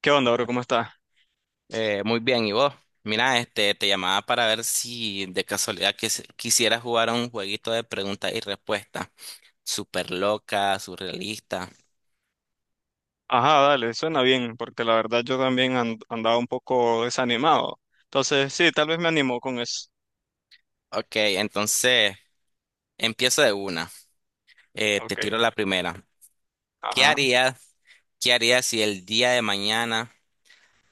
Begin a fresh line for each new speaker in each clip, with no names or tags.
¿Qué onda, bro? ¿Cómo estás?
Muy bien, ¿y vos? Mira, este, te llamaba para ver si de casualidad quisieras jugar a un jueguito de preguntas y respuestas. Súper loca, surrealista.
Ajá, dale, suena bien, porque la verdad yo también andaba un poco desanimado. Entonces, sí, tal vez me animó con eso.
Ok, entonces empiezo de una. Te
Ok,
tiro la primera. ¿Qué
ajá.
harías, qué harías si el día de mañana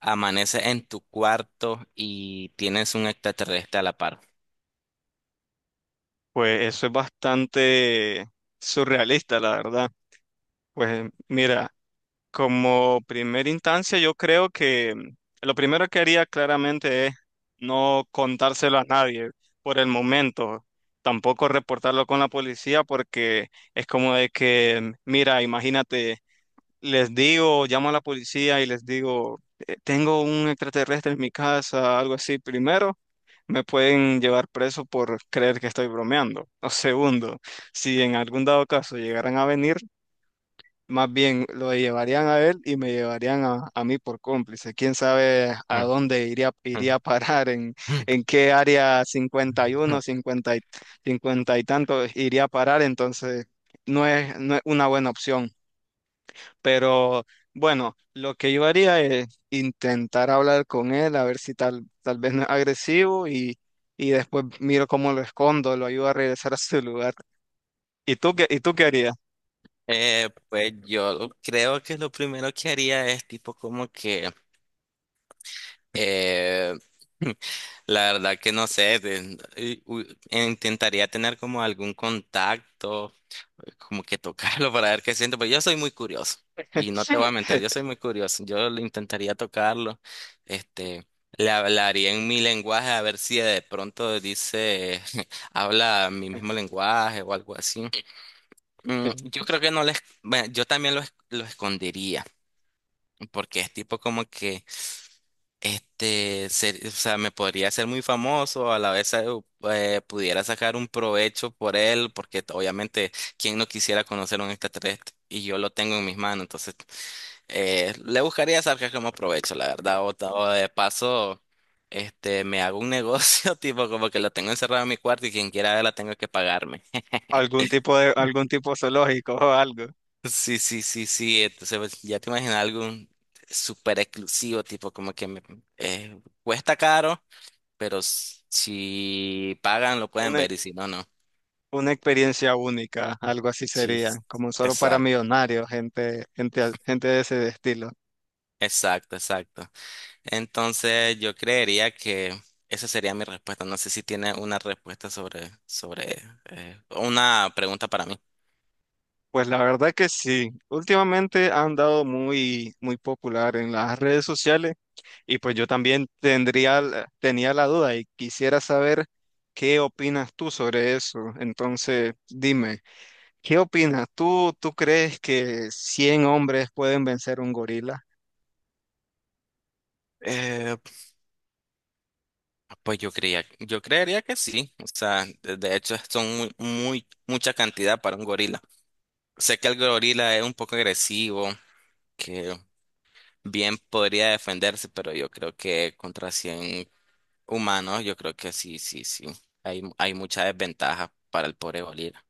amaneces en tu cuarto y tienes un extraterrestre a la par?
Pues eso es bastante surrealista, la verdad. Pues mira, como primera instancia, yo creo que lo primero que haría claramente es no contárselo a nadie por el momento. Tampoco reportarlo con la policía porque es como de que, mira, imagínate. Les digo, llamo a la policía y les digo, "Tengo un extraterrestre en mi casa", algo así. Primero, me pueden llevar preso por creer que estoy bromeando. O segundo, si en algún dado caso llegaran a venir, más bien lo llevarían a él y me llevarían a mí por cómplice. ¿Quién sabe a dónde iría a parar, en qué área 51, 50 y, 50 y tanto iría a parar? Entonces, no es una buena opción. Pero bueno, lo que yo haría es intentar hablar con él, a ver si tal vez no es agresivo, y después miro cómo lo escondo, lo ayudo a regresar a su lugar. Y tú qué harías?
Pues yo creo que lo primero que haría es tipo como que... Eh, la verdad que no sé, intentaría tener como algún contacto, como que tocarlo para ver qué siento, pero yo soy muy curioso y no te voy a mentir, yo soy muy curioso, yo le intentaría tocarlo, este, le hablaría en mi lenguaje a ver si de pronto dice, habla mi mismo lenguaje o algo así. Yo creo que no les, bueno, yo también lo, lo escondería, porque es tipo como que... Este, o sea, me podría ser muy famoso, a la vez pudiera sacar un provecho por él, porque obviamente, ¿quién no quisiera conocer un extraterrestre? Y yo lo tengo en mis manos, entonces le buscaría sacar como provecho, la verdad, o de paso, este, me hago un negocio, tipo como que lo tengo encerrado en mi cuarto y quien quiera verla tengo que pagarme.
Algún tipo zoológico o algo?
Sí, sí, sí, sí. Entonces, pues, ya te imaginas algo súper exclusivo, tipo como que me, cuesta caro, pero si pagan lo pueden
Una,
ver y si no, no.
una experiencia única, algo así
Sí,
sería,
s-
como solo para
exacto,
millonarios, gente, gente, gente de ese estilo.
exacto, exacto. Entonces yo creería que esa sería mi respuesta. No sé si tiene una respuesta sobre, sobre una pregunta para mí.
Pues la verdad que sí, últimamente han dado muy, muy popular en las redes sociales. Y pues yo también tenía la duda y quisiera saber qué opinas tú sobre eso. Entonces, dime, ¿qué opinas? ¿Tú crees que 100 hombres pueden vencer un gorila?
Eh, pues yo creía, yo creería que sí. O sea, de hecho son muy, muy, mucha cantidad para un gorila. Sé que el gorila es un poco agresivo, que bien podría defenderse, pero yo creo que contra 100 humanos, yo creo que sí, sí, sí. Hay mucha desventaja para el pobre Bolívar.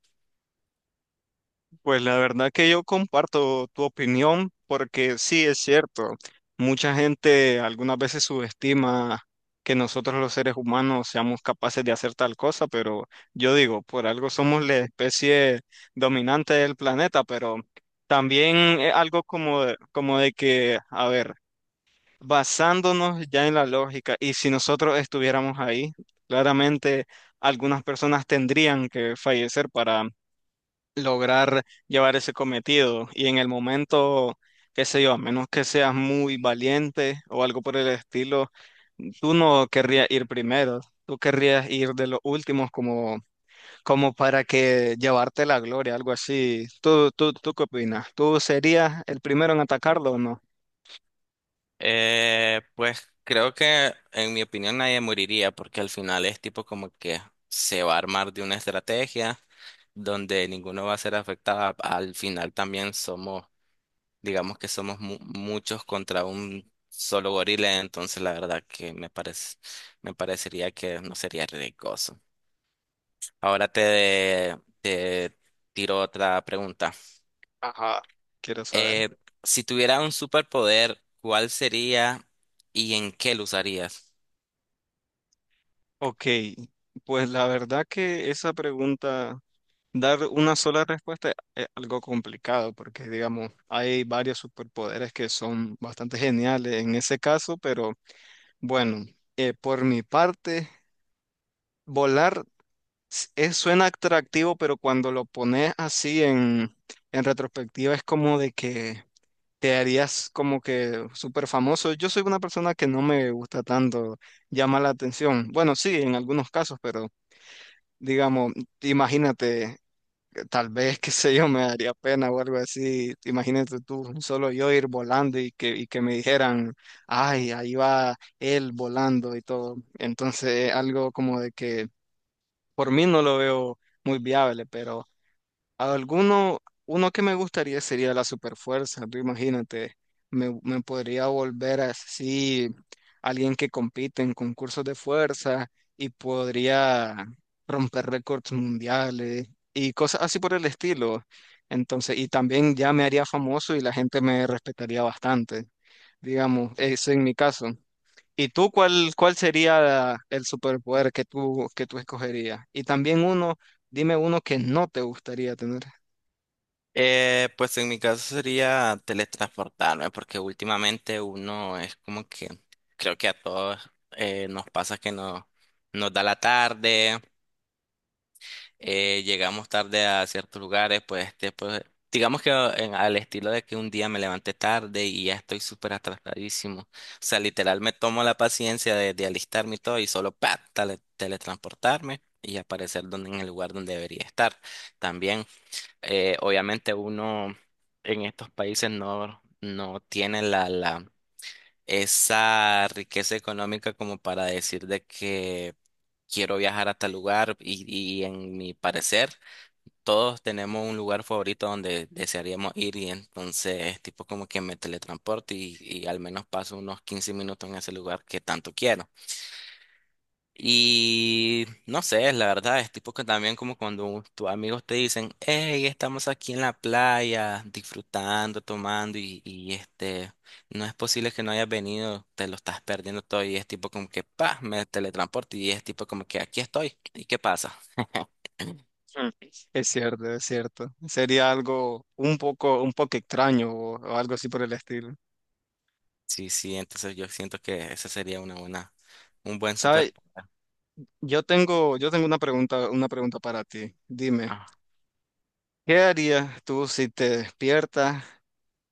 Pues la verdad que yo comparto tu opinión, porque sí es cierto, mucha gente algunas veces subestima que nosotros los seres humanos seamos capaces de hacer tal cosa, pero yo digo, por algo somos la especie dominante del planeta. Pero también es algo como, como de que, a ver, basándonos ya en la lógica, y si nosotros estuviéramos ahí, claramente algunas personas tendrían que fallecer lograr llevar ese cometido. Y en el momento, qué sé yo, a menos que seas muy valiente o algo por el estilo, tú no querrías ir primero, tú querrías ir de los últimos, como, como para que llevarte la gloria, algo así. ¿Tú qué opinas? ¿Tú serías el primero en atacarlo o no?
Pues creo que en mi opinión nadie moriría porque al final es tipo como que se va a armar de una estrategia donde ninguno va a ser afectado. Al final también somos, digamos que somos muchos contra un solo gorila, entonces la verdad que me parece, me parecería que no sería riesgoso. Ahora te, te tiro otra pregunta.
Ajá, quiero saber.
Eh, si tuviera un superpoder, ¿cuál sería y en qué lo usarías?
Ok, pues la verdad que esa pregunta, dar una sola respuesta es algo complicado, porque, digamos, hay varios superpoderes que son bastante geniales en ese caso. Pero bueno, por mi parte, volar suena atractivo, pero cuando lo pones así en retrospectiva es como de que te harías como que súper famoso. Yo soy una persona que no me gusta tanto llamar la atención. Bueno, sí, en algunos casos, pero... Digamos, imagínate, tal vez, qué sé yo, me daría pena o algo así. Imagínate tú, solo yo ir volando y que me dijeran, ay, ahí va él volando y todo. Entonces, algo como de que por mí no lo veo muy viable. Pero alguno, uno que me gustaría sería la superfuerza, tú imagínate, me podría volver así alguien que compite en concursos de fuerza y podría romper récords mundiales y cosas así por el estilo. Entonces, y también ya me haría famoso y la gente me respetaría bastante, digamos, eso en mi caso. ¿Y tú cuál sería el superpoder que que tú escogerías? Y también uno, dime uno que no te gustaría tener.
Pues en mi caso sería teletransportarme, porque últimamente uno es como que creo que a todos nos pasa que no, nos da la tarde, llegamos tarde a ciertos lugares, pues, este, pues, digamos que al estilo de que un día me levanté tarde y ya estoy súper atrasadísimo. O sea, literal me tomo la paciencia de alistarme y todo y solo pa, teletransportarme y aparecer donde, en el lugar donde debería estar. También, obviamente uno en estos países no, no tiene la, la, esa riqueza económica como para decir de que quiero viajar a tal lugar y en mi parecer todos tenemos un lugar favorito donde desearíamos ir y entonces tipo como que me teletransporto y al menos paso unos 15 minutos en ese lugar que tanto quiero. Y no sé, la verdad es tipo que también como cuando tus amigos te dicen, hey, estamos aquí en la playa disfrutando, tomando y este, no es posible que no hayas venido, te lo estás perdiendo todo y es tipo como que, pa, me teletransporto y es tipo como que aquí estoy. ¿Y qué pasa?
Mm. Es cierto, es cierto. Sería algo un poco extraño, o algo así por el estilo.
Sí, sí, entonces yo siento que ese sería una buena, un buen
¿Sabes?
superpoder.
Yo tengo una pregunta para ti. Dime,
Ah.
¿qué harías tú si te despiertas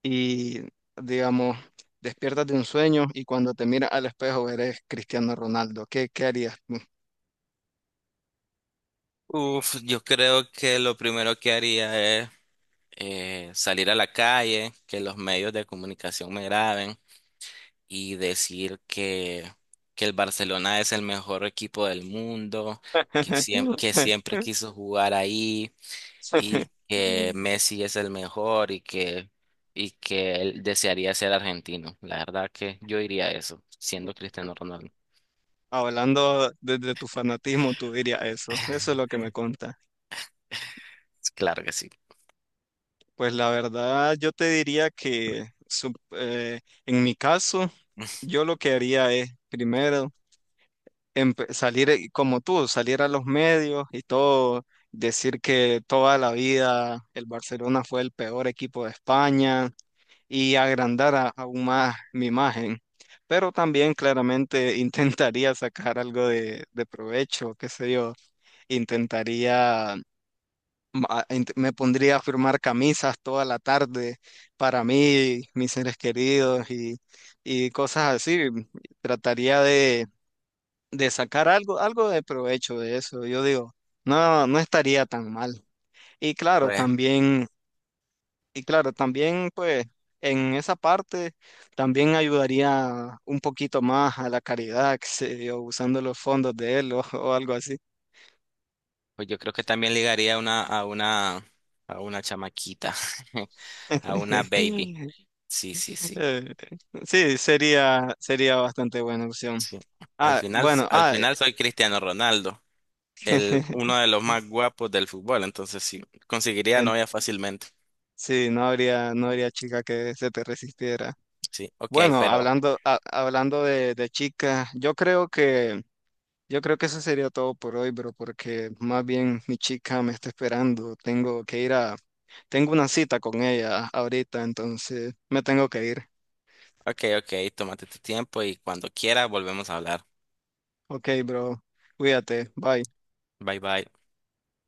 y, digamos, despiertas de un sueño y cuando te miras al espejo eres Cristiano Ronaldo? Qué harías tú?
Uf, yo creo que lo primero que haría es salir a la calle, que los medios de comunicación me graben y decir que el Barcelona es el mejor equipo del mundo, que, que siempre quiso jugar ahí y que Messi es el mejor y que él desearía ser argentino. La verdad que yo diría eso, siendo Cristiano Ronaldo.
Hablando desde tu fanatismo, tú dirías eso. Eso es lo que me conta.
Claro que sí.
Pues la verdad, yo te diría que en mi caso, yo lo que haría es primero salir, como tú, salir a los medios y todo, decir que toda la vida el Barcelona fue el peor equipo de España y agrandar aún más mi imagen. Pero también claramente intentaría sacar algo de provecho, qué sé yo, intentaría me pondría a firmar camisas toda la tarde para mí, mis seres queridos, y cosas así. Trataría de sacar algo, algo de provecho de eso. Yo digo, no, no estaría tan mal. Y claro,
Pues,
también, y claro, también pues en esa parte también ayudaría un poquito más a la caridad, que sé yo, usando los fondos de él, o, o algo así.
pues yo creo que también ligaría una, a una, a una chamaquita, a una baby. Sí, sí, sí.
Eh, sí, sería, sería bastante buena opción.
Sí.
Ah, bueno,
Al
ah,
final soy Cristiano Ronaldo, el, uno de los más guapos del fútbol, entonces sí, conseguiría
en-
novia fácilmente.
sí, no habría, no habría chica que se te resistiera.
Sí, ok,
Bueno,
pero,
hablando, hablando de chica, yo creo que eso sería todo por hoy, bro, porque más bien mi chica me está esperando. Tengo que ir a, tengo una cita con ella ahorita, entonces me tengo que ir.
ok, ok, tómate tu tiempo y cuando quiera volvemos a hablar.
Ok, bro, cuídate, bye.
Bye, bye.